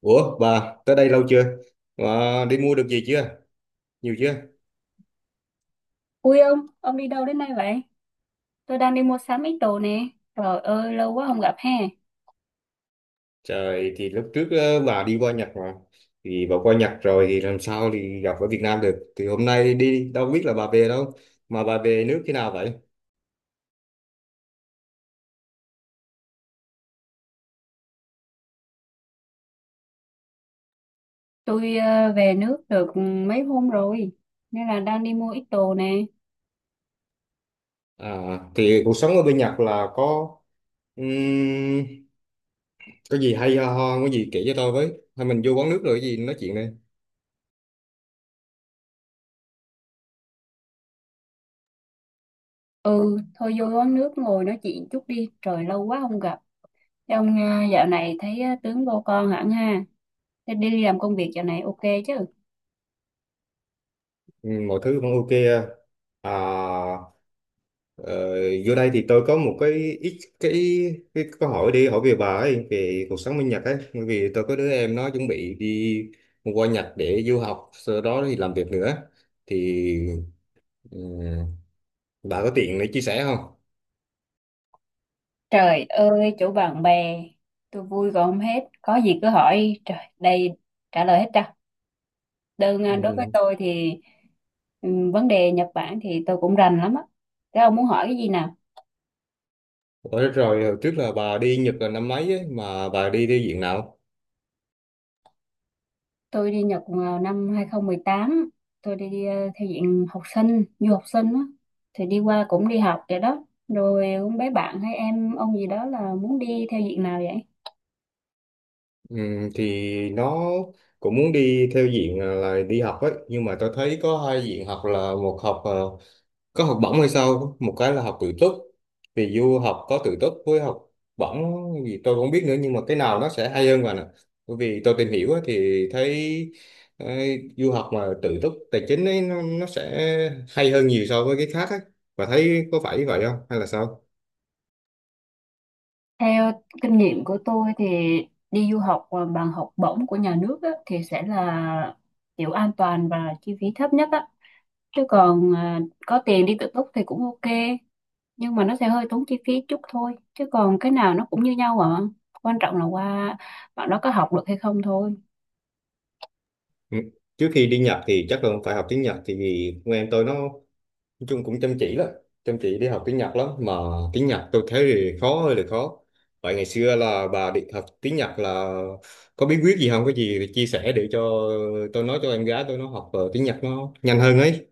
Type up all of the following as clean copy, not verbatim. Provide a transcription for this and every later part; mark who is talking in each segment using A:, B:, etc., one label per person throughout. A: Ủa bà tới đây lâu chưa? Bà đi mua được gì chưa? Nhiều chưa?
B: Ui ông đi đâu đến đây vậy? Tôi đang đi mua sắm ít đồ nè. Trời ơi, lâu quá không gặp ha.
A: Trời thì lúc trước bà đi qua Nhật mà thì bà qua Nhật rồi thì làm sao thì gặp ở Việt Nam được thì hôm nay đi đâu biết là bà về đâu mà bà về nước khi nào vậy?
B: Tôi về nước được mấy hôm rồi, nên là đang đi mua ít đồ nè.
A: À, thì cuộc sống ở bên Nhật là ừm, có gì hay ho ho có gì kể cho tôi với hay mình vô quán nước rồi cái gì nói chuyện đây.
B: Ừ, thôi vô quán nước ngồi nói chuyện chút đi. Trời, lâu quá không gặp. Thế ông dạo này thấy tướng vô con hẳn ha. Thế đi làm công việc dạo này ok chứ?
A: Ừ, mọi thứ vẫn ok. À, ờ, vô đây thì tôi có một cái ít cái, cái câu hỏi đi hỏi về bà ấy về cuộc sống bên Nhật ấy, bởi vì tôi có đứa em nó chuẩn bị đi qua Nhật để du học sau đó thì làm việc nữa thì ừ, bà có tiện để chia sẻ không?
B: Trời ơi, chỗ bạn bè, tôi vui còn không hết. Có gì cứ hỏi. Trời, đây trả lời hết trơn. Đối với
A: Ừ.
B: tôi thì vấn đề Nhật Bản thì tôi cũng rành lắm á. Thế ông muốn hỏi cái gì nào?
A: Ủa, rồi hồi trước là bà đi Nhật là năm mấy ấy, mà bà đi theo diện nào?
B: Tôi đi Nhật vào năm 2018, tôi đi theo diện học sinh, du học sinh á. Thì đi qua cũng đi học vậy đó. Rồi cũng bé bạn hay em ông gì đó là muốn đi theo diện nào vậy?
A: Ừ, thì nó cũng muốn đi theo diện là đi học ấy, nhưng mà tôi thấy có hai diện học, là một học có học bổng hay sao, một cái là học tự túc, vì du học có tự túc với học bổng gì tôi không biết nữa, nhưng mà cái nào nó sẽ hay hơn bạn ạ? Bởi vì tôi tìm hiểu á, thì thấy ờ, du học mà tự túc tài chính ấy, nó sẽ hay hơn nhiều so với cái khác ấy, và thấy có phải vậy không hay là sao?
B: Theo kinh nghiệm của tôi thì đi du học mà bằng học bổng của nhà nước á, thì sẽ là kiểu an toàn và chi phí thấp nhất á. Chứ còn có tiền đi tự túc thì cũng ok. Nhưng mà nó sẽ hơi tốn chi phí chút thôi, chứ còn cái nào nó cũng như nhau à, quan trọng là qua bạn đó có học được hay không thôi.
A: Ừ. Trước khi đi Nhật thì chắc là phải học tiếng Nhật, thì vì con em tôi nó nói chung cũng chăm chỉ lắm, chăm chỉ đi học tiếng Nhật lắm mà tiếng Nhật tôi thấy thì khó, hơi là khó. Vậy ngày xưa là bà đi học tiếng Nhật là có bí quyết gì không, có gì thì chia sẻ để cho tôi nói cho em gái tôi nó học tiếng Nhật nó nhanh hơn ấy.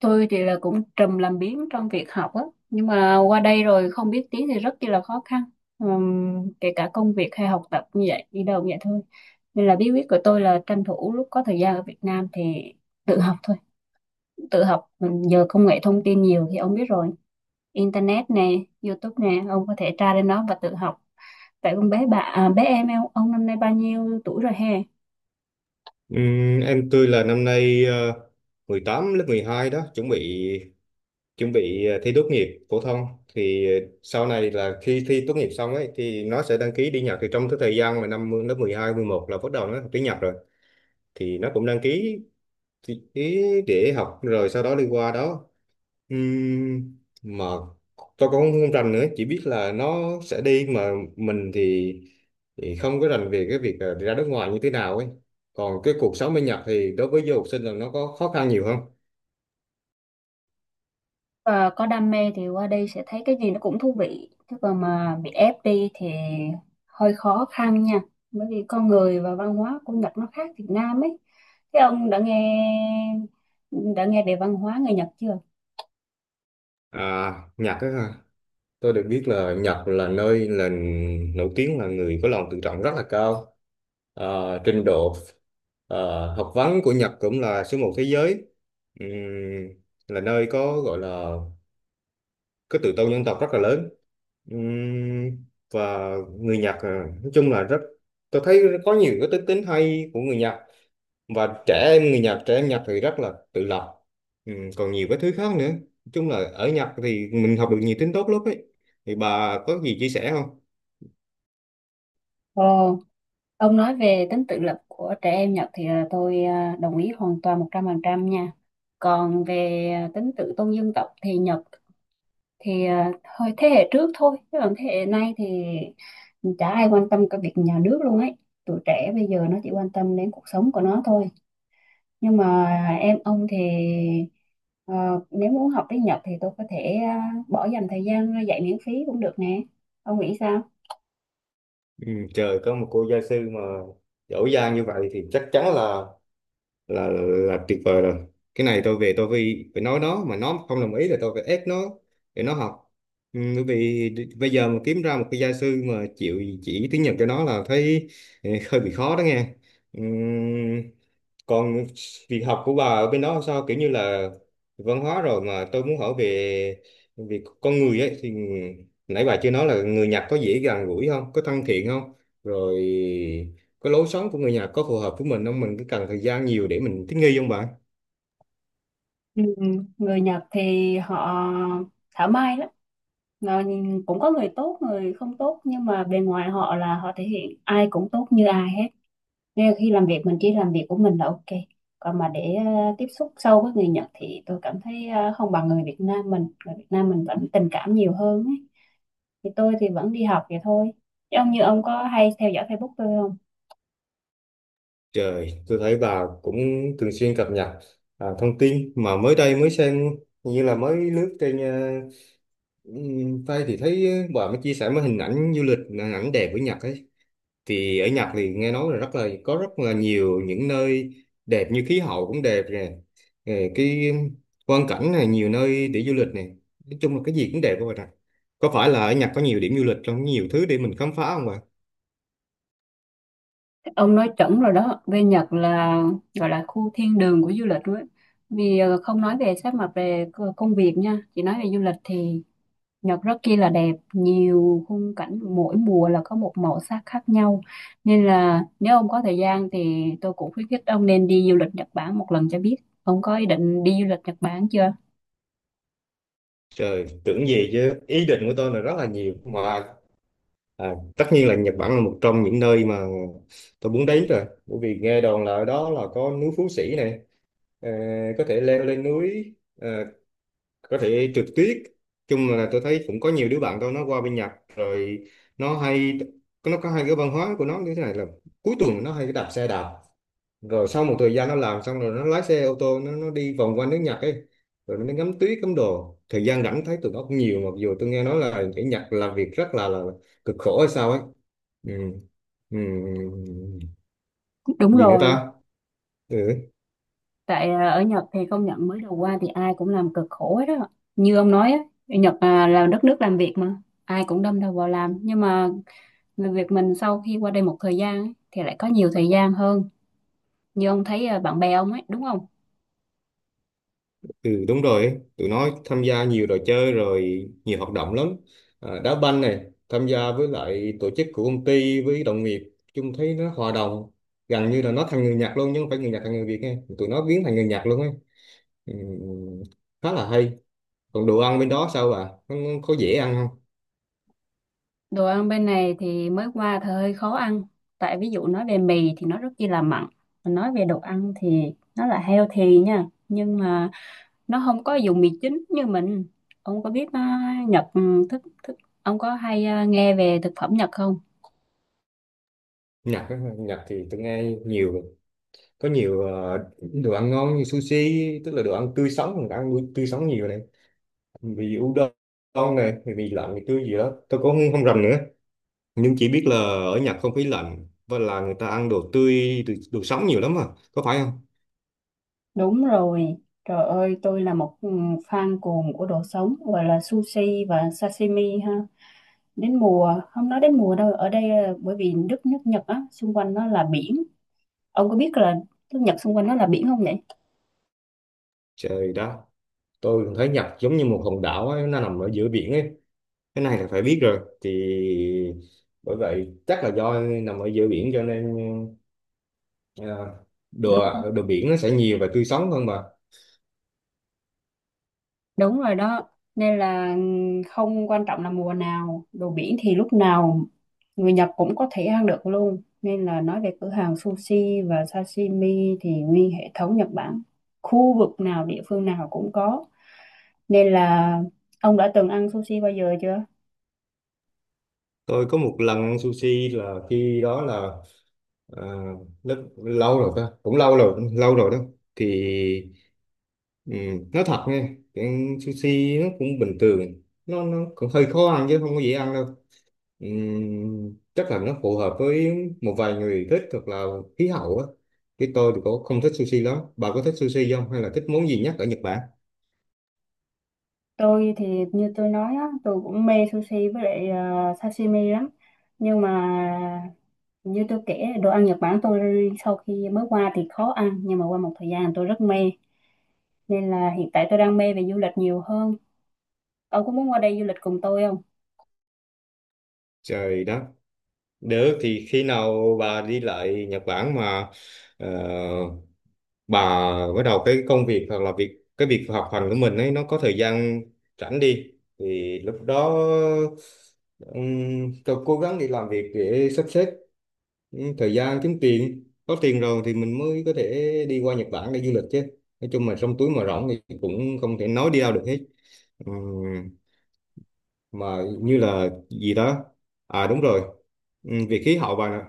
B: Tôi thì là cũng trùm làm biếng trong việc học á, nhưng mà qua đây rồi không biết tiếng thì rất chi là khó khăn. Kể cả công việc hay học tập như vậy đi đâu cũng vậy thôi, nên là bí quyết của tôi là tranh thủ lúc có thời gian ở Việt Nam thì tự học thôi. Tự học. Mình giờ công nghệ thông tin nhiều thì ông biết rồi, internet nè, YouTube nè, ông có thể tra lên đó và tự học. Vậy con bé bà à, bé em ông năm nay bao nhiêu tuổi rồi he?
A: Em tôi là năm nay 18, lớp 12 đó, chuẩn bị thi tốt nghiệp phổ thông. Thì ờ, sau này là khi thi tốt nghiệp xong ấy thì nó sẽ đăng ký đi Nhật, thì trong cái thời gian mà năm lớp 12, 11 là bắt đầu nó học tiếng Nhật rồi, thì nó cũng đăng ký, thì ý để học rồi sau đó đi qua đó. Mà tôi cũng không không rành nữa, chỉ biết là nó sẽ đi, mà mình thì không có rành về cái việc ra nước ngoài như thế nào ấy. Còn cái cuộc sống bên Nhật thì đối với du học sinh là nó có khó khăn nhiều không?
B: Và có đam mê thì qua đây sẽ thấy cái gì nó cũng thú vị, chứ còn mà bị ép đi thì hơi khó khăn nha. Bởi vì con người và văn hóa của Nhật nó khác Việt Nam ấy. Thế ông đã nghe về văn hóa người Nhật chưa?
A: À, Nhật á, tôi được biết là Nhật là nơi là nổi tiếng là người có lòng tự trọng rất là cao. Ờ, trình độ học vấn của Nhật cũng là số một thế giới. Ừm, là nơi có gọi là cái tự tôn dân tộc rất là lớn. Ừm, và người Nhật nói chung là rất, tôi thấy có nhiều cái đức tính hay của người Nhật, và trẻ em người Nhật, trẻ em Nhật thì rất là tự lập. Ừ, còn nhiều cái thứ khác nữa, nói chung là ở Nhật thì mình học được nhiều tính tốt lắm ấy, thì bà có gì chia sẻ không?
B: Ồ, ông nói về tính tự lập của trẻ em Nhật thì tôi đồng ý hoàn toàn 100% nha. Còn về tính tự tôn dân tộc thì Nhật thì thôi thế hệ trước thôi, chứ còn thế hệ nay thì chả ai quan tâm cái việc nhà nước luôn ấy. Tụi trẻ bây giờ nó chỉ quan tâm đến cuộc sống của nó thôi. Nhưng mà em ông thì ờ, nếu muốn học tiếng Nhật thì tôi có thể bỏ dành thời gian ra dạy miễn phí cũng được nè. Ông nghĩ sao?
A: Ừ, trời, có một cô gia sư mà giỏi giang như vậy thì chắc chắn là là tuyệt vời rồi. Cái này tôi về tôi phải phải nói nó, mà nó không đồng ý là tôi phải ép nó để nó học. Ừ, bởi vì bây giờ mà kiếm ra một cái gia sư mà chịu chỉ tiếng Nhật cho nó là thấy, ừ, hơi bị khó đó nghe. Ừm, còn việc học của bà ở bên đó sao, kiểu như là văn hóa rồi mà tôi muốn hỏi về về con người ấy, thì nãy bà chưa nói là người Nhật có dễ gần gũi không, có thân thiện không, rồi cái lối sống của người Nhật có phù hợp với mình không, mình cứ cần thời gian nhiều để mình thích nghi không bạn?
B: Ừ, người Nhật thì họ thảo mai lắm. Ờ, cũng có người tốt người không tốt, nhưng mà bề ngoài họ là họ thể hiện ai cũng tốt như ai hết, nên là khi làm việc mình chỉ làm việc của mình là ok. Còn mà để tiếp xúc sâu với người Nhật thì tôi cảm thấy không bằng Người Việt Nam mình vẫn tình cảm nhiều hơn ấy. Thì tôi thì vẫn đi học vậy thôi, chứ ông, như ông, có hay theo dõi Facebook tôi không?
A: Trời, tôi thấy bà cũng thường xuyên cập nhật à, thông tin mà mới đây mới xem, như là mới lướt trên tay thì thấy bà mới chia sẻ mấy hình ảnh du lịch, hình ảnh đẹp của Nhật ấy. Thì ở Nhật thì nghe nói là rất là có rất là nhiều những nơi đẹp, như khí hậu cũng đẹp nè. Ờ, cái quang cảnh này, nhiều nơi để du lịch nè, nói chung là cái gì cũng đẹp các bạn ạ. Có phải là ở Nhật có nhiều điểm du lịch, trong nhiều thứ để mình khám phá không bạn?
B: Ông nói chuẩn rồi đó, bên Nhật là gọi là khu thiên đường của du lịch luôn ấy. Vì không nói về sát mặt về công việc nha, chỉ nói về du lịch thì Nhật rất kia là đẹp, nhiều khung cảnh, mỗi mùa là có một màu sắc khác nhau. Nên là nếu ông có thời gian thì tôi cũng khuyến khích ông nên đi du lịch Nhật Bản một lần cho biết. Ông có ý định đi du lịch Nhật Bản chưa?
A: Trời, tưởng gì chứ ý định của tôi là rất là nhiều mà. À, tất nhiên là Nhật Bản là một trong những nơi mà tôi muốn đến rồi, bởi vì nghe đồn là ở đó là có núi Phú Sĩ này, ờ, có thể leo lên núi, có thể trượt tuyết, chung là tôi thấy cũng có nhiều đứa bạn tôi nó qua bên Nhật rồi, nó hay, nó có hai cái văn hóa của nó như thế này là cuối tuần nó hay đạp xe đạp, rồi sau một thời gian nó làm xong rồi nó lái xe ô tô nó đi vòng quanh nước Nhật ấy, rồi nó ngắm tuyết ngắm đồ, thời gian rảnh thấy tụi nó cũng nhiều, mặc dù tôi nghe nói là ở Nhật làm việc rất là cực khổ hay sao ấy. Ừ. Ừ.
B: Đúng
A: Gì nữa
B: rồi.
A: ta. Ừ.
B: Tại ở Nhật thì công nhận mới đầu qua thì ai cũng làm cực khổ hết đó. Như ông nói á, ở Nhật là đất nước làm việc mà, ai cũng đâm đầu vào làm. Nhưng mà người Việt mình sau khi qua đây một thời gian ấy, thì lại có nhiều thời gian hơn. Như ông thấy bạn bè ông ấy, đúng không?
A: Ừ, đúng rồi ấy, tụi nó tham gia nhiều trò chơi rồi nhiều hoạt động lắm. À, đá banh này, tham gia với lại tổ chức của công ty với đồng nghiệp, chung thấy nó hòa đồng, gần như là nó thành người Nhật luôn, nhưng không phải người Nhật thành người Việt nghe. Tụi nó biến thành người Nhật luôn ấy. Ừ, khá là hay. Còn đồ ăn bên đó sao bà? Nó có dễ ăn không?
B: Đồ ăn bên này thì mới qua thì hơi khó ăn. Tại ví dụ nói về mì thì nó rất chi là mặn. Mà nói về đồ ăn thì nó là healthy nha. Nhưng mà nó không có dùng mì chính như mình. Ông có biết Nhật thức thức ông có hay nghe về thực phẩm Nhật không?
A: Nhật á, Nhật thì tôi nghe nhiều, có nhiều đồ ăn ngon như sushi, tức là đồ ăn tươi sống, mình ăn tươi sống nhiều này. Vì udon này, vì mì lạnh, mì tươi gì đó. Tôi cũng không rành nữa, nhưng chỉ biết là ở Nhật không khí lạnh và là người ta ăn đồ tươi, đồ sống nhiều lắm à, có phải không?
B: Đúng rồi, trời ơi tôi là một fan cuồng của đồ sống gọi là sushi và sashimi ha. Đến mùa, không nói đến mùa đâu, ở đây bởi vì đất nước Nhật á, xung quanh nó là biển. Ông có biết là nước Nhật xung quanh nó là biển không vậy?
A: Trời đất, tôi cũng thấy Nhật giống như một hòn đảo ấy, nó nằm ở giữa biển ấy, cái này là phải biết rồi. Thì bởi vậy chắc là do nằm ở giữa biển cho nên à, đồ đồ biển nó sẽ nhiều và tươi sống hơn mà.
B: Đúng rồi đó, nên là không quan trọng là mùa nào, đồ biển thì lúc nào người Nhật cũng có thể ăn được luôn. Nên là nói về cửa hàng sushi và sashimi thì nguyên hệ thống Nhật Bản, khu vực nào, địa phương nào cũng có. Nên là ông đã từng ăn sushi bao giờ chưa?
A: Tôi có một lần ăn sushi là khi đó là à, lớp lâu rồi ta, cũng lâu rồi, lâu rồi đó. Thì ừ, nói thật nha, cái sushi nó cũng bình thường, nó cũng hơi khó ăn chứ không có dễ ăn đâu. Chắc là nó phù hợp với một vài người thích, hoặc là khí hậu á. Cái tôi thì cũng không thích sushi lắm, bà có thích sushi không hay là thích món gì nhất ở Nhật Bản?
B: Tôi thì như tôi nói á, tôi cũng mê sushi với lại sashimi lắm. Nhưng mà như tôi kể, đồ ăn Nhật Bản tôi sau khi mới qua thì khó ăn. Nhưng mà qua một thời gian tôi rất mê. Nên là hiện tại tôi đang mê về du lịch nhiều hơn. Ông có muốn qua đây du lịch cùng tôi không?
A: Trời đó, được thì khi nào bà đi lại Nhật Bản mà ờ, bà bắt đầu cái công việc hoặc là cái việc học hành của mình ấy, nó có thời gian rảnh đi, thì lúc đó tôi cố gắng đi làm việc để sắp xếp thời gian kiếm tiền, có tiền rồi thì mình mới có thể đi qua Nhật Bản để du lịch chứ. Nói chung mà trong túi mà rỗng thì cũng không thể nói đi đâu được hết. Ừm, mà như là gì đó, à đúng rồi. Việc khí hậu bà nè,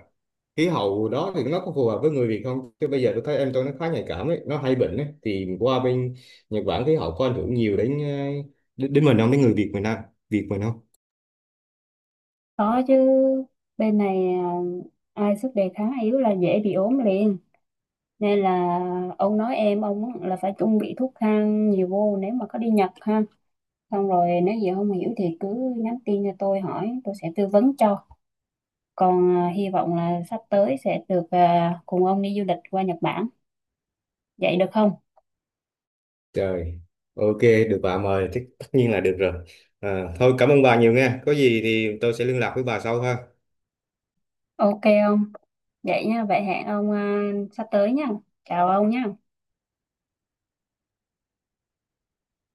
A: khí hậu đó thì nó có phù hợp với người Việt không, chứ bây giờ tôi thấy em tôi nó khá nhạy cảm ấy, nó hay bệnh ấy, thì qua bên Nhật Bản khí hậu có ảnh hưởng nhiều đến đến mình không, đến người Việt mình không, Việt mình không?
B: Có chứ. Bên này à, ai sức đề kháng yếu là dễ bị ốm liền. Nên là ông nói em, ông là phải chuẩn bị thuốc thang nhiều vô nếu mà có đi Nhật ha. Xong rồi nếu gì không hiểu thì cứ nhắn tin cho tôi hỏi, tôi sẽ tư vấn cho. Còn hy vọng là sắp tới sẽ được cùng ông đi du lịch qua Nhật Bản. Vậy được không?
A: Trời, ok, được, bà mời thì tất nhiên là được rồi. À, thôi cảm ơn bà nhiều nha, có gì thì tôi sẽ liên lạc với bà sau ha.
B: Ok ông, vậy nha, vậy hẹn ông sắp tới nha. Chào ông nha.